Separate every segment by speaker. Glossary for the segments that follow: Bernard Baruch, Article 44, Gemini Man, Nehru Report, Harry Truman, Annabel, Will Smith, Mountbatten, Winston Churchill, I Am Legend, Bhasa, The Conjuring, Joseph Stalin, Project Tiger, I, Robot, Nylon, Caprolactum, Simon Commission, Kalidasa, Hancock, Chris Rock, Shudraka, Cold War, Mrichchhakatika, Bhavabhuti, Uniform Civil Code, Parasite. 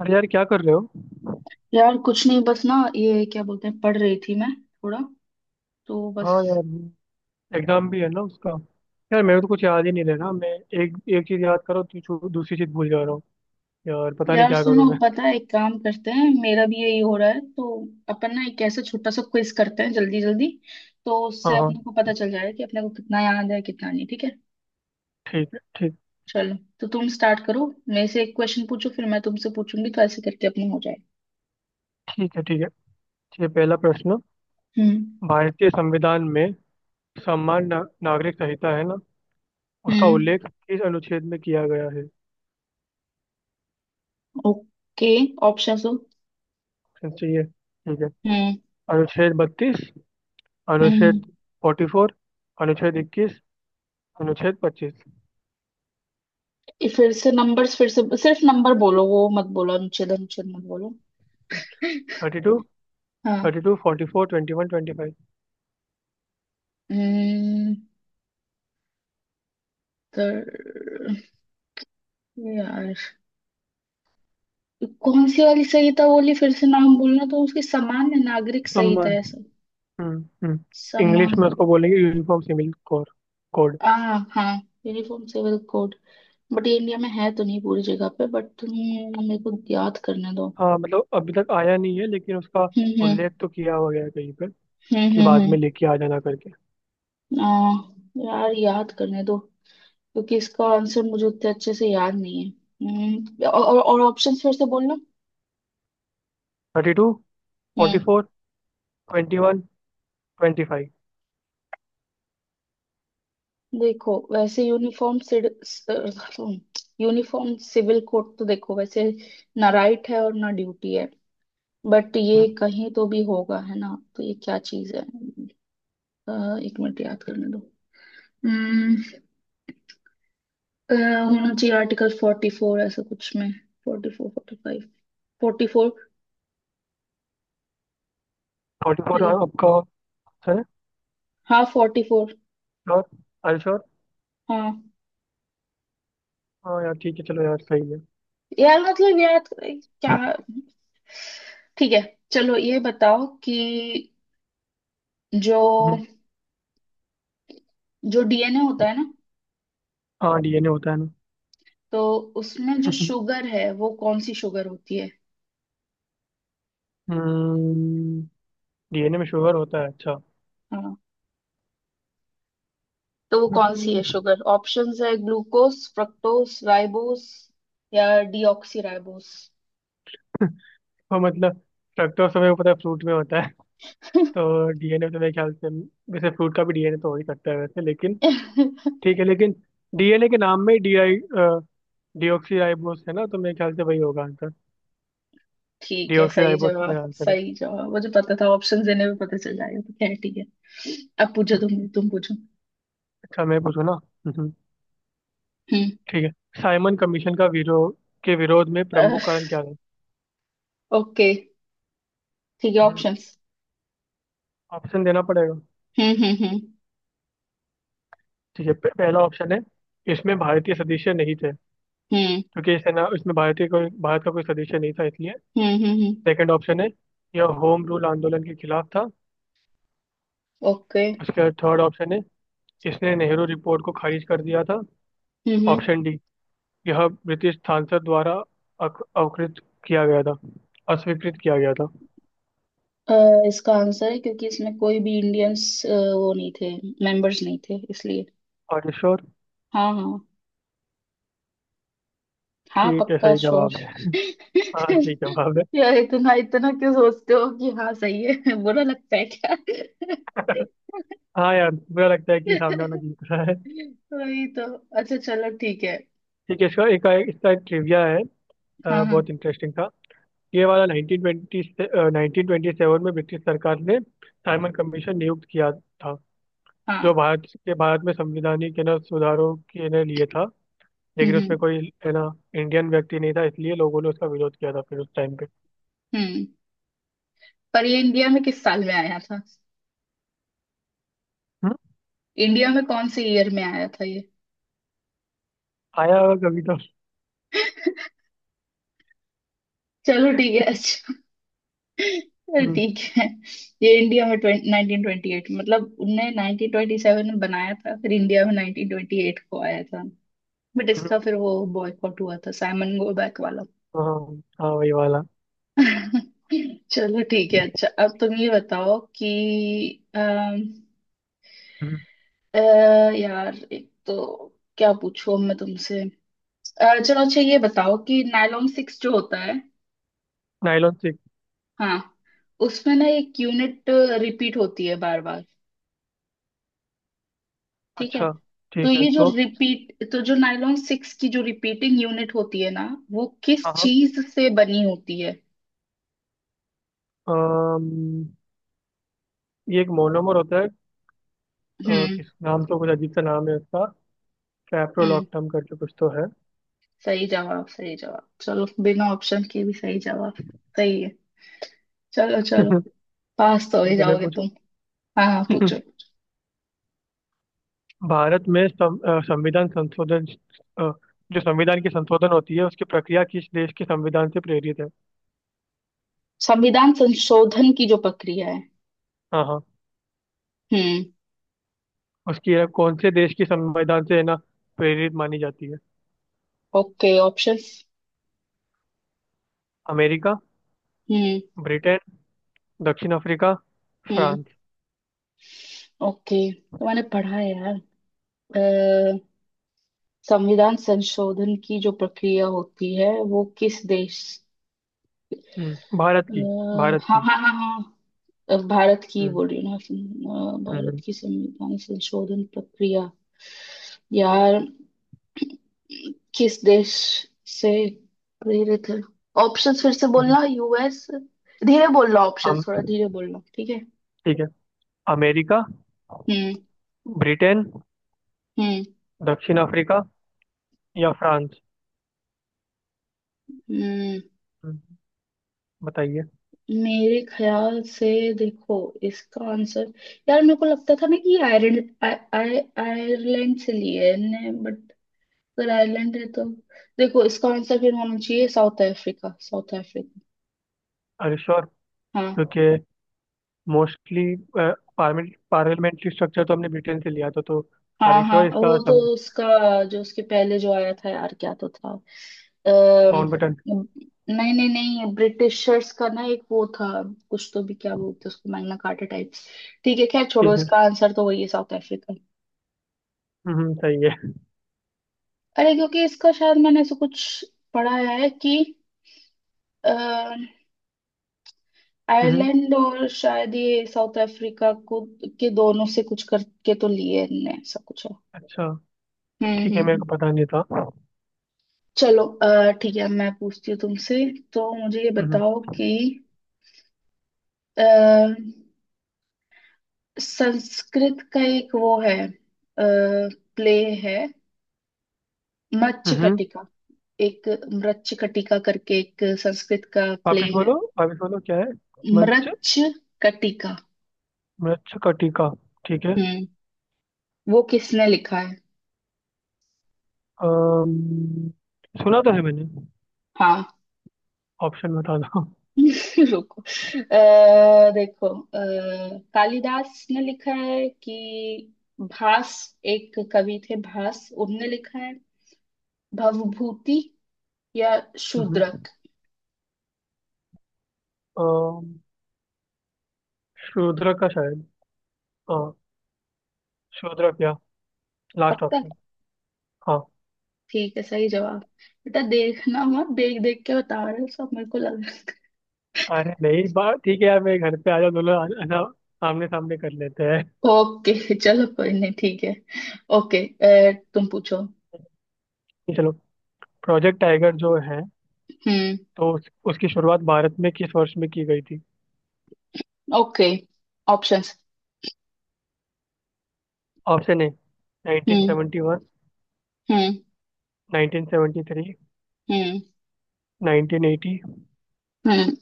Speaker 1: अरे यार, क्या कर रहे हो।
Speaker 2: यार कुछ नहीं, बस ना, ये क्या बोलते हैं, पढ़ रही थी मैं, थोड़ा, तो बस।
Speaker 1: हाँ यार। एग्जाम भी है ना उसका। यार, मेरे को तो कुछ याद ही नहीं रह रहा। मैं एक एक चीज याद करो तो दूसरी चीज भूल जा रहा हूँ। यार पता नहीं
Speaker 2: यार
Speaker 1: क्या
Speaker 2: सुनो,
Speaker 1: करूँ मैं।
Speaker 2: पता है, एक काम करते हैं, मेरा भी यही हो रहा है। तो अपन ना एक ऐसा छोटा सा क्विज करते हैं, जल्दी जल्दी। तो
Speaker 1: हाँ
Speaker 2: उससे अपने
Speaker 1: हाँ।
Speaker 2: को पता चल जाएगा कि अपने को कितना याद है, कितना नहीं। ठीक है?
Speaker 1: ठीक है, ठीक।
Speaker 2: चलो। तो तुम स्टार्ट करो, मेरे से एक क्वेश्चन पूछो, फिर मैं तुमसे पूछूंगी। तो ऐसे करके अपना हो जाएगा।
Speaker 1: ठीक है, ठीक है। ये पहला प्रश्न।
Speaker 2: हम्म।
Speaker 1: भारतीय संविधान में सम्मान ना, नागरिक संहिता है ना, उसका
Speaker 2: हम्म।
Speaker 1: उल्लेख किस अनुच्छेद में किया गया है?
Speaker 2: ओके। ऑप्शन हो?
Speaker 1: Options चाहिए? ठीक है।
Speaker 2: हम्म।
Speaker 1: अनुच्छेद 32।
Speaker 2: हम्म।
Speaker 1: अनुच्छेद 44। अनुच्छेद 21। अनुच्छेद 25।
Speaker 2: ये फिर से नंबर्स, फिर से सिर्फ नंबर बोलो। वो मत बोलो, अनुच्छेद अनुच्छेद मत बोलो।
Speaker 1: 32।
Speaker 2: हाँ।
Speaker 1: 32, 44, 21, 25।
Speaker 2: हम्म, तर यार, कौन सी वाली संहिता बोली? फिर से नाम बोलना। तो उसकी सामान्य नागरिक संहिता
Speaker 1: सम्मान।
Speaker 2: है, सर?
Speaker 1: हम्म। हम्म। इंग्लिश
Speaker 2: सामान्य।
Speaker 1: में उसको बोलेंगे यूनिफॉर्म सिविल कोड। कोड।
Speaker 2: हाँ हाँ, यूनिफॉर्म सिविल कोड। बट ये इंडिया में है तो नहीं पूरी जगह पे। बट तुम मेरे को याद करने दो।
Speaker 1: हाँ, मतलब अभी तक आया नहीं है, लेकिन उसका
Speaker 2: हम्म। हम्म।
Speaker 1: उल्लेख तो किया हुआ गया है कहीं पर
Speaker 2: हम्म।
Speaker 1: कि
Speaker 2: हम्म।
Speaker 1: बाद
Speaker 2: हम्म।
Speaker 1: में लेके आ जाना करके।
Speaker 2: आ, यार, याद करने दो, क्योंकि इसका आंसर मुझे उतने अच्छे से याद नहीं है। और ऑप्शंस फिर से बोलना।
Speaker 1: 32। फोर्टी
Speaker 2: हम्म।
Speaker 1: फोर 21। Twenty five.
Speaker 2: देखो वैसे यूनिफॉर्म, यूनिफॉर्म सिविल कोड, तो देखो वैसे ना राइट है और ना ड्यूटी है। बट ये कहीं तो भी होगा है ना? तो ये क्या चीज है? एक मिनट, याद करने दो। हम्म, होना चाहिए आर्टिकल फोर्टी फोर, ऐसा कुछ में। Forty four, forty five. Forty four.
Speaker 1: 44
Speaker 2: hello?
Speaker 1: आपका option है?
Speaker 2: हाँ, फोर्टी फोर।
Speaker 1: श्योर? I sure.
Speaker 2: हाँ
Speaker 1: हाँ यार ठीक है, चलो यार सही है।
Speaker 2: यार, मतलब याद क्या। ठीक है, चलो ये बताओ कि, जो
Speaker 1: हम्म।
Speaker 2: जो डीएनए होता है ना,
Speaker 1: हाँ, डीएनए होता है ना।
Speaker 2: तो उसमें जो शुगर है वो कौन सी शुगर होती है?
Speaker 1: हम्म। डीएनए में शुगर होता है, अच्छा।
Speaker 2: हाँ, तो वो कौन सी है
Speaker 1: हम्म,
Speaker 2: शुगर? ऑप्शंस है: ग्लूकोस, फ्रक्टोस, राइबोस, या डीऑक्सी राइबोस।
Speaker 1: वो मतलब फ्रक्टोज हमें पता है फ्रूट में होता है। तो डीएनए तो मेरे ख्याल से, जैसे फ्रूट का भी डीएनए तो हो ही सकता है वैसे, लेकिन ठीक है, लेकिन डीएनए के नाम में ही डी आई डीऑक्सी राइबोस है ना, तो मेरे ख्याल से वही होगा आंसर।
Speaker 2: ठीक है,
Speaker 1: डीऑक्सी
Speaker 2: सही
Speaker 1: राइबोस
Speaker 2: जवाब
Speaker 1: मेरा आंसर है।
Speaker 2: सही जवाब, मुझे पता था ऑप्शन देने में पता चल जाएगा, तो खैर ठीक है। अब पूछो, तुम पूछो।
Speaker 1: अच्छा, मैं पूछूं ना? हम्म।
Speaker 2: हम्म।
Speaker 1: ठीक है। साइमन कमीशन का विरोध, के विरोध में प्रमुख कारण क्या था?
Speaker 2: ओके, ठीक है, ऑप्शंस।
Speaker 1: ऑप्शन देना पड़ेगा,
Speaker 2: हम्म। हम्म।
Speaker 1: ठीक है। पहला ऑप्शन है। इसमें भारतीय सदस्य नहीं थे।
Speaker 2: हम्म।
Speaker 1: क्योंकि इसे ना इसमें भारतीय, कोई भारत का कोई सदस्य नहीं था इसलिए।
Speaker 2: हम्म। हम्म। हम्म।
Speaker 1: सेकंड ऑप्शन है। यह होम रूल आंदोलन के खिलाफ था।
Speaker 2: ओके। हम्म। Okay,
Speaker 1: उसके बाद थर्ड ऑप्शन है। इसने नेहरू रिपोर्ट को खारिज कर दिया था।
Speaker 2: हम्म, हम्म,
Speaker 1: ऑप्शन डी। यह ब्रिटिश सांसद द्वारा अकृत किया गया था, अस्वीकृत किया गया था।
Speaker 2: अ, इसका आंसर है क्योंकि इसमें कोई भी इंडियंस वो नहीं थे, मेंबर्स नहीं थे इसलिए।
Speaker 1: और श्योर?
Speaker 2: हाँ हाँ। हाँ,
Speaker 1: ठीक है,
Speaker 2: पक्का
Speaker 1: सही
Speaker 2: श्योर।
Speaker 1: जवाब है। हाँ, सही जवाब है।
Speaker 2: यार, इतना इतना क्यों सोचते हो कि हाँ सही है? बुरा लगता है क्या?
Speaker 1: हाँ यार, बुरा लगता है कि सामने वाला जीत रहा है।
Speaker 2: वही तो। अच्छा चलो ठीक है।
Speaker 1: ठीक है। इसका ट्रिविया है।
Speaker 2: हाँ
Speaker 1: बहुत
Speaker 2: हाँ
Speaker 1: इंटरेस्टिंग था। ये वाला 1920 से 1927 में ब्रिटिश सरकार ने साइमन कमीशन नियुक्त किया था।
Speaker 2: हाँ।
Speaker 1: जो भारत में संविधानिक है ना, सुधारों के ने लिए था। लेकिन
Speaker 2: हम्म
Speaker 1: उसमें
Speaker 2: हम्म
Speaker 1: कोई है ना, इंडियन व्यक्ति नहीं था, इसलिए लोगों ने उसका विरोध किया था फिर उस टाइम पे।
Speaker 2: हम्म। पर ये इंडिया में किस साल में आया था?
Speaker 1: हम्म।
Speaker 2: इंडिया में कौन से ईयर में आया था ये?
Speaker 1: आया होगा कभी तो।
Speaker 2: चलो ठीक है, अच्छा। अरे
Speaker 1: हम्म।
Speaker 2: ठीक है। ये इंडिया में नाइनटीन ट्वेंटी एट, मतलब उनने नाइनटीन ट्वेंटी सेवन में बनाया था, फिर इंडिया में नाइनटीन ट्वेंटी एट को आया था। बट
Speaker 1: हम्म।
Speaker 2: इसका फिर वो बॉयकॉट हुआ था, साइमन गो बैक वाला।
Speaker 1: हाँ हाँ, वही वाला।
Speaker 2: चलो ठीक है, अच्छा। अब तुम ये बताओ कि, अम,
Speaker 1: हम्म।
Speaker 2: अ, यार एक तो क्या पूछूं अब मैं तुमसे। चलो अच्छा, ये बताओ कि नायलॉन सिक्स जो होता है।
Speaker 1: Nylon six.
Speaker 2: हाँ, उसमें ना एक यूनिट रिपीट होती है बार बार, ठीक है?
Speaker 1: अच्छा।
Speaker 2: तो
Speaker 1: ठीक है
Speaker 2: ये जो
Speaker 1: तो।
Speaker 2: रिपीट, तो जो नायलॉन सिक्स की जो रिपीटिंग यूनिट होती है ना, वो किस
Speaker 1: हाँ हाँ।
Speaker 2: चीज से बनी होती है?
Speaker 1: अम, ये एक मोनोमर होता है।
Speaker 2: हम्म।
Speaker 1: किस नाम तो कुछ अजीब सा नाम है उसका।
Speaker 2: हम्म,
Speaker 1: कैप्रोलॉक्टम करके कुछ तो है।
Speaker 2: सही जवाब, सही जवाब, चलो बिना ऑप्शन के भी सही जवाब। सही है। चलो चलो। पास तो हो ही
Speaker 1: ठीक है, मैं
Speaker 2: जाओगे
Speaker 1: पूछू।
Speaker 2: तुम। हाँ हाँ, पूछो।
Speaker 1: भारत में संविधान संशोधन, अ, जो संविधान की संशोधन होती है उसकी प्रक्रिया किस देश के संविधान से प्रेरित है?
Speaker 2: संविधान संशोधन की जो प्रक्रिया है।
Speaker 1: हाँ हाँ।
Speaker 2: हम्म।
Speaker 1: उसकी है, कौन से देश की संविधान से है ना प्रेरित मानी जाती है।
Speaker 2: Okay, options.
Speaker 1: अमेरिका।
Speaker 2: हम्म।
Speaker 1: ब्रिटेन। दक्षिण अफ्रीका।
Speaker 2: हम्म।
Speaker 1: फ्रांस।
Speaker 2: ओके, तो मैंने पढ़ा है यार, अ, संविधान संशोधन की जो प्रक्रिया होती है वो किस देश,
Speaker 1: हम्म, भारत
Speaker 2: अ,
Speaker 1: की। भारत
Speaker 2: हाँ
Speaker 1: की।
Speaker 2: हाँ हाँ हाँ, भारत की
Speaker 1: हम्म
Speaker 2: बोल रही हूँ ना, भारत
Speaker 1: हम्म।
Speaker 2: की संविधान संशोधन प्रक्रिया यार, किस देश से प्रेरित है? ऑप्शंस फिर से
Speaker 1: हम्म।
Speaker 2: बोलना। यूएस। धीरे बोलना,
Speaker 1: हम।
Speaker 2: ऑप्शंस थोड़ा धीरे बोलना, ठीक है?
Speaker 1: ठीक है। अमेरिका।
Speaker 2: हम्म।
Speaker 1: ब्रिटेन।
Speaker 2: हम्म।
Speaker 1: दक्षिण अफ्रीका या फ्रांस।
Speaker 2: हम्म।
Speaker 1: हम्म, बताइए।
Speaker 2: मेरे ख्याल से, देखो, इसका आंसर, यार मेरे को लगता था ना कि आयरलैंड, आय, आय, आयरलैंड से लिए है। बट अगर आयरलैंड है तो, देखो इसका आंसर फिर होना चाहिए साउथ अफ्रीका, साउथ अफ्रीका।
Speaker 1: अरे श्योर।
Speaker 2: हाँ।
Speaker 1: क्योंकि मोस्टली पार्लियामेंट्री स्ट्रक्चर तो हमने ब्रिटेन से लिया था तो।
Speaker 2: हाँ
Speaker 1: अरे
Speaker 2: हाँ,
Speaker 1: श्योर, इसका
Speaker 2: वो तो
Speaker 1: सम।
Speaker 2: उसका, जो उसके पहले जो आया था यार क्या तो था, अम,
Speaker 1: माउंटबेटन।
Speaker 2: नहीं नहीं नहीं, ब्रिटिशर्स का ना एक वो था, कुछ तो भी क्या बोलते हैं उसको, मैग्ना कार्टा टाइप। ठीक है खैर छोड़ो,
Speaker 1: ठीक है।
Speaker 2: इसका आंसर तो वही है, साउथ अफ्रीका।
Speaker 1: सही है।
Speaker 2: अरे क्योंकि इसका शायद मैंने ऐसा कुछ पढ़ा है कि
Speaker 1: हम्म।
Speaker 2: आयरलैंड और शायद ये साउथ अफ्रीका को, के दोनों से कुछ करके तो लिए इनने, ऐसा कुछ है।
Speaker 1: अच्छा।
Speaker 2: हम्म
Speaker 1: ठीक
Speaker 2: हम्म
Speaker 1: है, मेरे
Speaker 2: हम्म।
Speaker 1: को पता नहीं था।
Speaker 2: चलो ठीक है, मैं पूछती हूँ तुमसे। तो मुझे ये
Speaker 1: हम्म।
Speaker 2: बताओ कि, अ, संस्कृत का एक वो है, प्ले है,
Speaker 1: हम्म।
Speaker 2: मृच्छकटिका, एक मृच्छकटिका करके एक संस्कृत का प्ले
Speaker 1: वापिस बोलो,
Speaker 2: है,
Speaker 1: वापिस बोलो, क्या है? मच्छ
Speaker 2: मृच्छकटिका।
Speaker 1: मच्छ कटिका। ठीक है।
Speaker 2: हम्म, वो किसने लिखा है?
Speaker 1: अम्म, सुना तो है मैंने।
Speaker 2: हाँ।
Speaker 1: ऑप्शन बता दो।
Speaker 2: रुको, अः देखो, अः कालिदास ने लिखा है, कि भास, एक कवि थे भास, उनने लिखा है, भवभूति, या
Speaker 1: हम्म,
Speaker 2: शूद्रक?
Speaker 1: अम्म, शूद्रक का शायद। हाँ, शूद्रक, या लास्ट
Speaker 2: पक्का।
Speaker 1: ऑप्शन। हाँ।
Speaker 2: ठीक है, सही जवाब। बेटा देखना मत, देख देख के बता रहे हो सब मेरे को लग रहा है।
Speaker 1: अरे नहीं, बात ठीक है यार, मेरे घर पे आ जाओ दोनों, आना। आमने सामने कर लेते हैं।
Speaker 2: ओके चलो कोई नहीं ठीक है। ओके, तुम पूछो।
Speaker 1: चलो। प्रोजेक्ट टाइगर जो है,
Speaker 2: हम्म।
Speaker 1: तो उसकी शुरुआत भारत में किस वर्ष में की गई थी?
Speaker 2: Okay, options.
Speaker 1: Option A.
Speaker 2: हम्म।
Speaker 1: 1971।
Speaker 2: हम्म।
Speaker 1: 1973।
Speaker 2: हम्म।
Speaker 1: 1980।
Speaker 2: हम्म।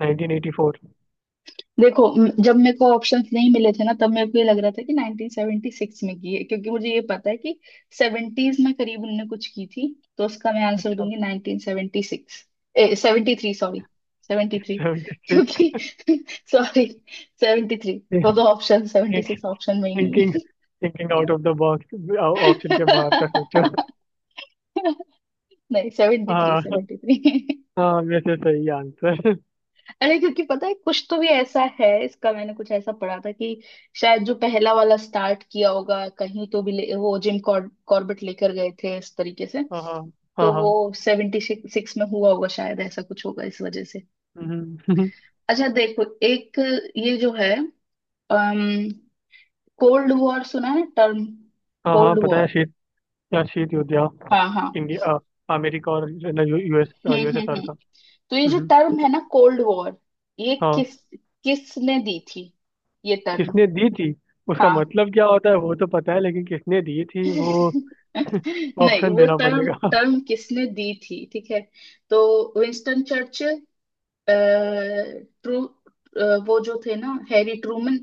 Speaker 1: 1984।
Speaker 2: देखो जब मेरे को ऑप्शंस नहीं मिले थे ना, तब मेरे को ये लग रहा था कि 1976 में की है, क्योंकि मुझे ये पता है कि 70s में करीब उनने कुछ की थी। तो उसका मैं आंसर
Speaker 1: अच्छा,
Speaker 2: दूंगी 1976। ए 73, सॉरी, 73। क्योंकि
Speaker 1: 76।
Speaker 2: सॉरी, 73 तो दो ऑप्शन, 76 ऑप्शन में ही नहीं
Speaker 1: थिंकिंग
Speaker 2: है।
Speaker 1: Thinking out of the box. Option के बाहर का सोचो।
Speaker 2: नहीं, 73,
Speaker 1: हाँ
Speaker 2: 73।
Speaker 1: हाँ, वैसे सही आंसर।
Speaker 2: अरे क्योंकि पता है कुछ तो भी ऐसा है इसका, मैंने कुछ ऐसा पढ़ा था कि, शायद जो पहला वाला स्टार्ट किया होगा कहीं तो भी वो जिम कॉर्बेट लेकर गए थे इस तरीके से।
Speaker 1: हाँ हाँ हाँ
Speaker 2: तो
Speaker 1: हाँ।
Speaker 2: वो सेवेंटी सिक्स में हुआ होगा शायद, ऐसा कुछ होगा इस वजह से।
Speaker 1: हम्म।
Speaker 2: अच्छा देखो एक, ये जो है, अम कोल्ड वॉर सुना है टर्म?
Speaker 1: हाँ हाँ,
Speaker 2: कोल्ड
Speaker 1: पता
Speaker 2: वॉर।
Speaker 1: है, शीत, या शीत युद्ध, या
Speaker 2: हाँ हाँ।
Speaker 1: इंडिया, अमेरिका और यूएसएसआर
Speaker 2: हम्म।
Speaker 1: का।
Speaker 2: तो ये जो
Speaker 1: हम्म।
Speaker 2: टर्म है ना कोल्ड वॉर, ये
Speaker 1: हाँ,
Speaker 2: किस, किसने दी थी ये टर्म?
Speaker 1: किसने दी थी? उसका
Speaker 2: हाँ।
Speaker 1: मतलब क्या होता है वो तो पता है, लेकिन किसने दी थी वो?
Speaker 2: नहीं,
Speaker 1: ऑप्शन
Speaker 2: वो
Speaker 1: देना
Speaker 2: टर्म,
Speaker 1: पड़ेगा।
Speaker 2: टर्म किसने दी थी, ठीक है। तो, विंस्टन चर्चिल, ट्रू, वो जो थे ना Harry Truman,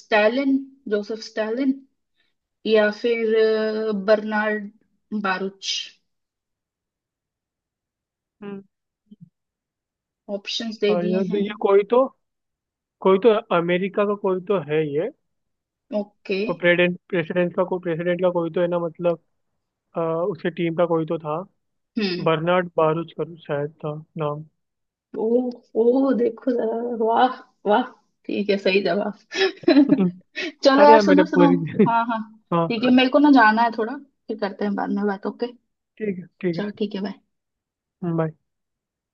Speaker 2: Stalin, Joseph Stalin, या फिर बर्नार्ड बारुच।
Speaker 1: हम्म,
Speaker 2: ऑप्शंस दे
Speaker 1: और
Speaker 2: दिए हैं।
Speaker 1: ये कोई तो, कोई तो, अमेरिका का कोई तो है ये।
Speaker 2: ओके।
Speaker 1: वो प्रेसिडेंट प्रेसिडेंट का कोई तो है ना, मतलब अ, उसके टीम का कोई तो था।
Speaker 2: हम्म।
Speaker 1: बर्नार्ड बारूच कर शायद था नाम।
Speaker 2: ओ, ओ देखो जरा, वाह, वाह, ठीक है सही जवाब। चलो
Speaker 1: अरे
Speaker 2: यार,
Speaker 1: यार, मैंने
Speaker 2: सुनो सुनो।
Speaker 1: पूरी
Speaker 2: हाँ हाँ।
Speaker 1: हाँ।
Speaker 2: ठीक है, मेरे को ना जाना है थोड़ा, फिर करते हैं बाद में बात, ओके?
Speaker 1: ठीक है, ठीक है,
Speaker 2: चलो ठीक है, बाय।
Speaker 1: बाय।